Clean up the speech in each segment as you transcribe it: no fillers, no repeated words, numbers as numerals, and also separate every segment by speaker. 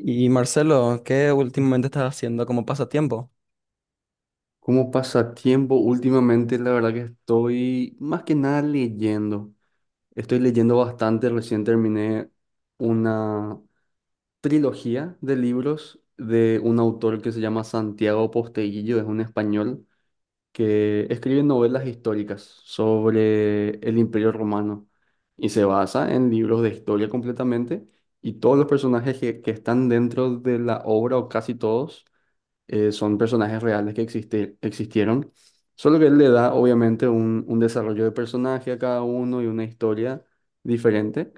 Speaker 1: Y Marcelo, ¿qué últimamente estás haciendo como pasatiempo?
Speaker 2: Como pasatiempo, últimamente la verdad que estoy más que nada leyendo. Estoy leyendo bastante. Recién terminé una trilogía de libros de un autor que se llama Santiago Posteguillo, es un español que escribe novelas históricas sobre el Imperio Romano y se basa en libros de historia completamente, y todos los personajes que están dentro de la obra o casi todos, son personajes reales que existieron, solo que él le da obviamente un desarrollo de personaje a cada uno y una historia diferente,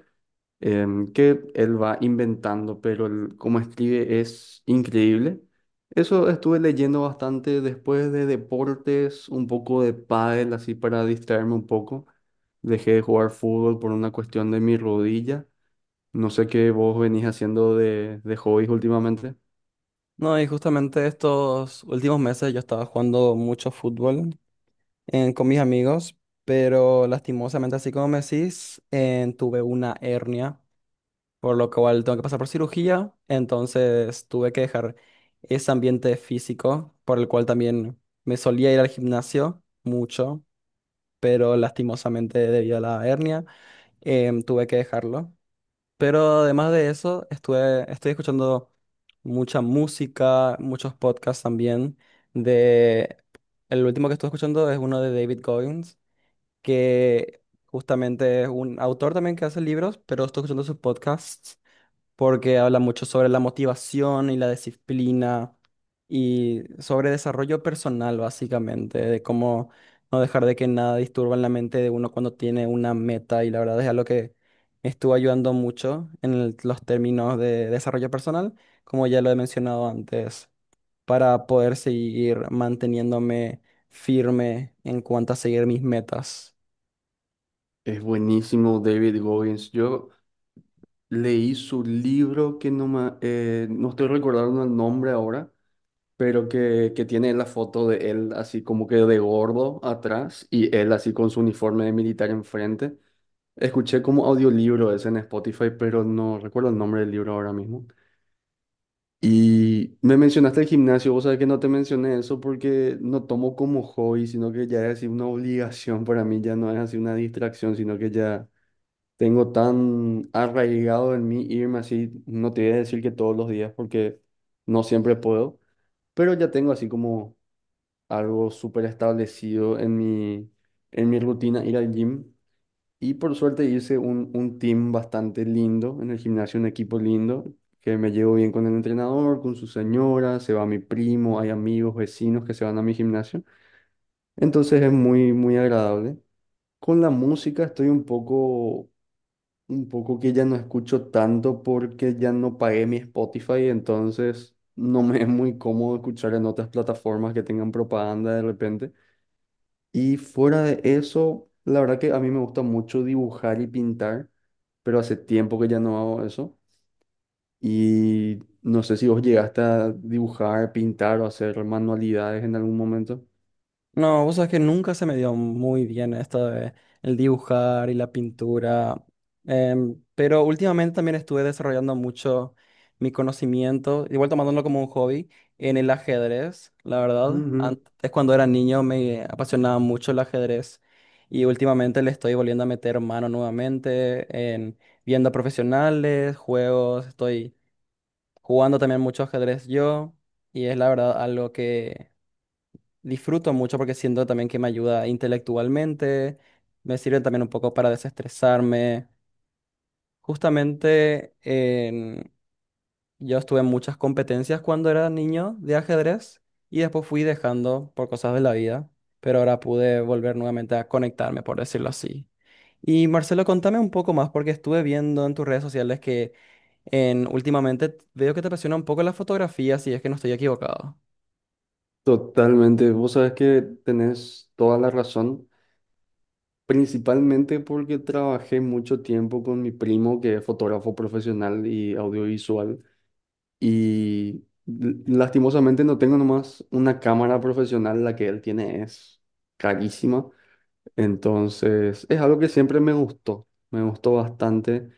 Speaker 2: que él va inventando, pero cómo escribe es increíble. Eso estuve leyendo bastante, después de deportes, un poco de pádel, así para distraerme un poco. Dejé de jugar fútbol por una cuestión de mi rodilla. No sé qué vos venís haciendo de hobbies últimamente.
Speaker 1: No, y justamente estos últimos meses yo estaba jugando mucho fútbol con mis amigos, pero lastimosamente, así como me decís, tuve una hernia, por lo cual tengo que pasar por cirugía, entonces tuve que dejar ese ambiente físico, por el cual también me solía ir al gimnasio mucho, pero lastimosamente debido a la hernia, tuve que dejarlo. Pero además de eso, estoy escuchando mucha música, muchos podcasts también. De, el último que estuve escuchando es uno de David Goggins, que justamente es un autor también que hace libros, pero estoy escuchando sus podcasts porque habla mucho sobre la motivación y la disciplina y sobre desarrollo personal, básicamente, de cómo no dejar de que nada disturba en la mente de uno cuando tiene una meta. Y la verdad es algo que me estuvo ayudando mucho en los términos de desarrollo personal, como ya lo he mencionado antes, para poder seguir manteniéndome firme en cuanto a seguir mis metas.
Speaker 2: Es buenísimo David Goggins. Yo leí su libro que no estoy recordando el nombre ahora, pero que tiene la foto de él así como que de gordo atrás y él así con su uniforme de militar enfrente. Escuché como audiolibro ese en Spotify, pero no recuerdo el nombre del libro ahora mismo. Y me mencionaste el gimnasio, vos sabés que no te mencioné eso porque no tomo como hobby, sino que ya es así una obligación para mí, ya no es así una distracción, sino que ya. Tengo tan arraigado en mí irme así, no te voy a decir que todos los días porque no siempre puedo, pero ya tengo así como algo súper establecido en mi rutina ir al gym. Y por suerte hice un team bastante lindo en el gimnasio, un equipo lindo, que me llevo bien con el entrenador, con su señora, se va mi primo, hay amigos, vecinos que se van a mi gimnasio. Entonces es muy, muy agradable. Con la música estoy un poco que ya no escucho tanto porque ya no pagué mi Spotify, entonces no me es muy cómodo escuchar en otras plataformas que tengan propaganda de repente. Y fuera de eso, la verdad que a mí me gusta mucho dibujar y pintar, pero hace tiempo que ya no hago eso. Y no sé si vos llegaste a dibujar, pintar o hacer manualidades en algún momento.
Speaker 1: No, vos sabés que nunca se me dio muy bien esto de el dibujar y la pintura, pero últimamente también estuve desarrollando mucho mi conocimiento, igual tomándolo como un hobby, en el ajedrez, la verdad.
Speaker 2: Ujú,
Speaker 1: Antes, cuando era niño, me apasionaba mucho el ajedrez y últimamente le estoy volviendo a meter mano nuevamente en viendo a profesionales, juegos, estoy jugando también mucho ajedrez yo y es la verdad algo que disfruto mucho porque siento también que me ayuda intelectualmente, me sirve también un poco para desestresarme. Justamente en- yo estuve en muchas competencias cuando era niño de ajedrez y después fui dejando por cosas de la vida, pero ahora pude volver nuevamente a conectarme, por decirlo así. Y Marcelo, contame un poco más porque estuve viendo en tus redes sociales que últimamente veo que te apasiona un poco la fotografía, si es que no estoy equivocado.
Speaker 2: totalmente, vos sabes que tenés toda la razón. Principalmente porque trabajé mucho tiempo con mi primo, que es fotógrafo profesional y audiovisual, y lastimosamente no tengo nomás una cámara profesional, la que él tiene es carísima. Entonces, es algo que siempre me gustó bastante.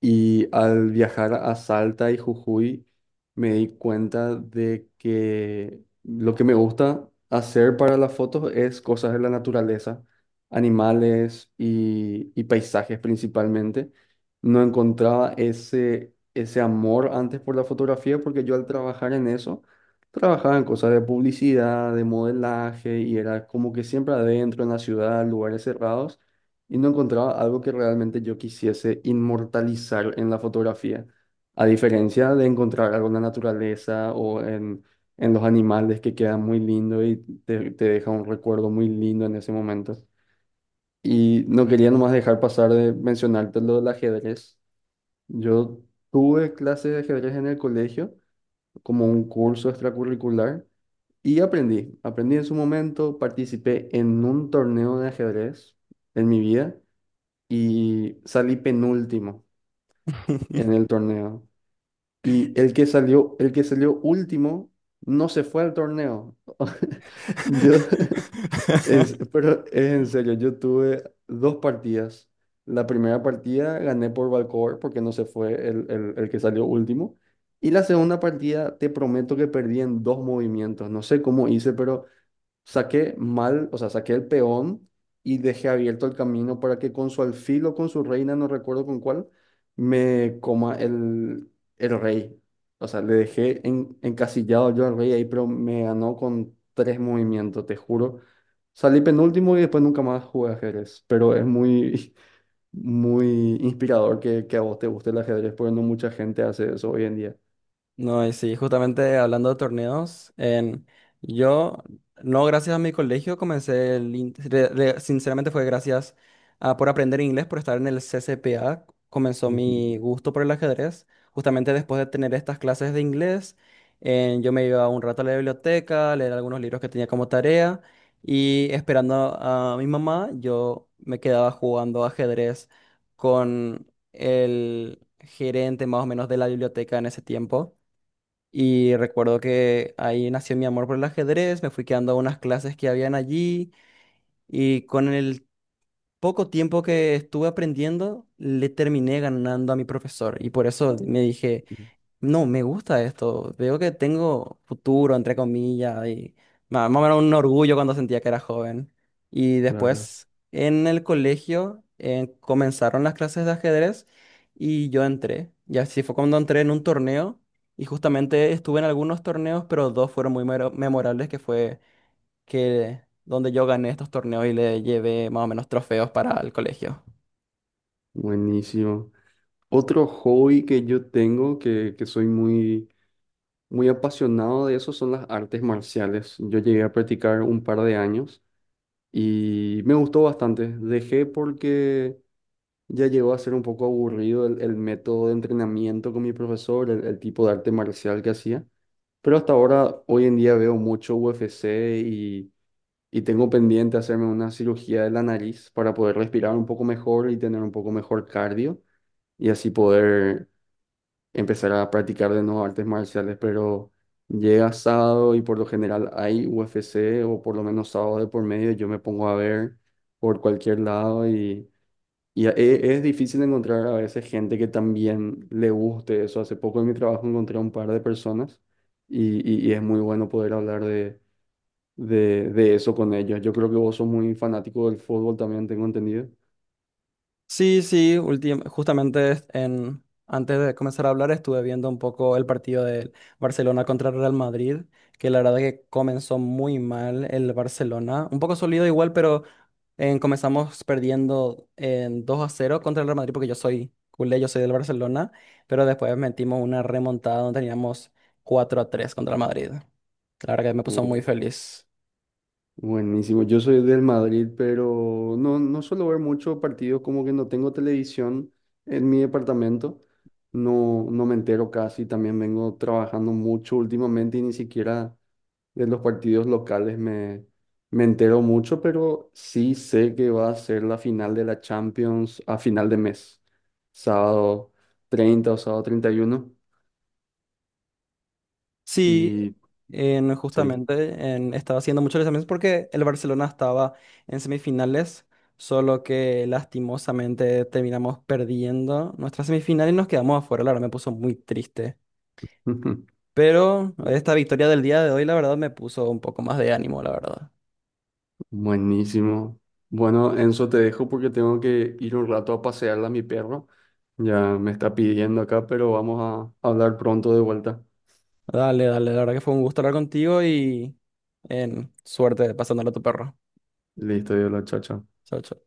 Speaker 2: Y al viajar a Salta y Jujuy, me di cuenta de que lo que me gusta hacer para las fotos es cosas de la naturaleza, animales y paisajes principalmente. No encontraba ese amor antes por la fotografía, porque yo, al trabajar en eso, trabajaba en cosas de publicidad, de modelaje, y era como que siempre adentro en la ciudad, lugares cerrados, y no encontraba algo que realmente yo quisiese inmortalizar en la fotografía, a diferencia de encontrar algo en la naturaleza o en los animales, que quedan muy lindo y te deja un recuerdo muy lindo en ese momento. Y no quería nomás dejar pasar de mencionarte lo del ajedrez. Yo tuve clases de ajedrez en el colegio como un curso extracurricular y aprendí. Aprendí en su momento, participé en un torneo de ajedrez en mi vida y salí penúltimo en el torneo. Y el que salió último no se fue al torneo. Yo pero es en serio, yo tuve dos partidas. La primera partida gané por Valcover porque no se fue el que salió último. Y la segunda partida, te prometo que perdí en dos movimientos. No sé cómo hice, pero saqué mal, o sea, saqué el peón y dejé abierto el camino para que con su alfil o con su reina, no recuerdo con cuál, me coma el, rey. O sea, le dejé encasillado yo al rey ahí, pero me ganó con tres movimientos, te juro. Salí penúltimo y después nunca más jugué ajedrez, pero es muy, muy inspirador que a vos te guste el ajedrez, porque no mucha gente hace eso hoy en día.
Speaker 1: No, y sí, justamente hablando de torneos, yo, no gracias a mi colegio, comencé, el in- re- re- sinceramente fue gracias a por aprender inglés, por estar en el CCPA, comenzó
Speaker 2: Ujú,
Speaker 1: mi gusto por el ajedrez. Justamente después de tener estas clases de inglés, yo me iba un rato a la biblioteca, a leer algunos libros que tenía como tarea, y esperando a mi mamá, yo me quedaba jugando ajedrez con el gerente más o menos de la biblioteca en ese tiempo. Y recuerdo que ahí nació mi amor por el ajedrez, me fui quedando a unas clases que habían allí y con el poco tiempo que estuve aprendiendo, le terminé ganando a mi profesor. Y por eso me dije,
Speaker 2: ujú,
Speaker 1: no, me gusta esto, veo que tengo futuro, entre comillas, y más o menos un orgullo cuando sentía que era joven. Y
Speaker 2: claro,
Speaker 1: después en el colegio comenzaron las clases de ajedrez y yo entré. Y así fue cuando entré en un torneo y justamente estuve en algunos torneos, pero dos fueron memorables, que fue que donde yo gané estos torneos y le llevé más o menos trofeos para el colegio.
Speaker 2: buenísimo. Otro hobby que yo tengo, que soy muy, muy apasionado de eso, son las artes marciales. Yo llegué a practicar un par de años y me gustó bastante. Dejé porque ya llegó a ser un poco aburrido el método de entrenamiento con mi profesor, el tipo de arte marcial que hacía. Pero hasta ahora, hoy en día veo mucho UFC y, y tengo pendiente hacerme una cirugía de la nariz para poder respirar un poco mejor y tener un poco mejor cardio, y así poder empezar a practicar de nuevo artes marciales, pero llega sábado y por lo general hay UFC, o por lo menos sábado de por medio, yo me pongo a ver por cualquier lado y es difícil encontrar a veces gente que también le guste eso. Hace poco en mi trabajo encontré a un par de personas y es muy bueno poder hablar de eso con ellos. Yo creo que vos sos muy fanático del fútbol también, tengo entendido.
Speaker 1: Sí, sí, justamente antes de comenzar a hablar estuve viendo un poco el partido del Barcelona contra el Real Madrid, que la verdad que comenzó muy mal el Barcelona, un poco sólido igual, pero comenzamos perdiendo en 2-0 contra el Real Madrid porque yo soy culé, yo soy del Barcelona, pero después metimos una remontada donde teníamos 4-3 contra el Madrid. La verdad que me puso muy feliz.
Speaker 2: Buenísimo, yo soy del Madrid, pero no, no suelo ver mucho partidos, como que no tengo televisión en mi departamento, no, no me entero casi, también vengo trabajando mucho últimamente y ni siquiera de los partidos locales me entero mucho, pero sí sé que va a ser la final de la Champions a final de mes, sábado 30 o sábado 31,
Speaker 1: Sí,
Speaker 2: y sí.
Speaker 1: estaba haciendo muchos lanzamientos porque el Barcelona estaba en semifinales, solo que lastimosamente terminamos perdiendo nuestra semifinal y nos quedamos afuera. La verdad me puso muy triste. Pero esta victoria del día de hoy, la verdad, me puso un poco más de ánimo, la verdad.
Speaker 2: Buenísimo. Bueno, Enzo, te dejo porque tengo que ir un rato a pasearla a mi perro. Ya me está pidiendo acá, pero vamos a hablar pronto de vuelta.
Speaker 1: Dale, dale, la verdad que fue un gusto hablar contigo y en suerte pasándole a tu perro.
Speaker 2: Listo, la, chao, chao.
Speaker 1: Chao, chao.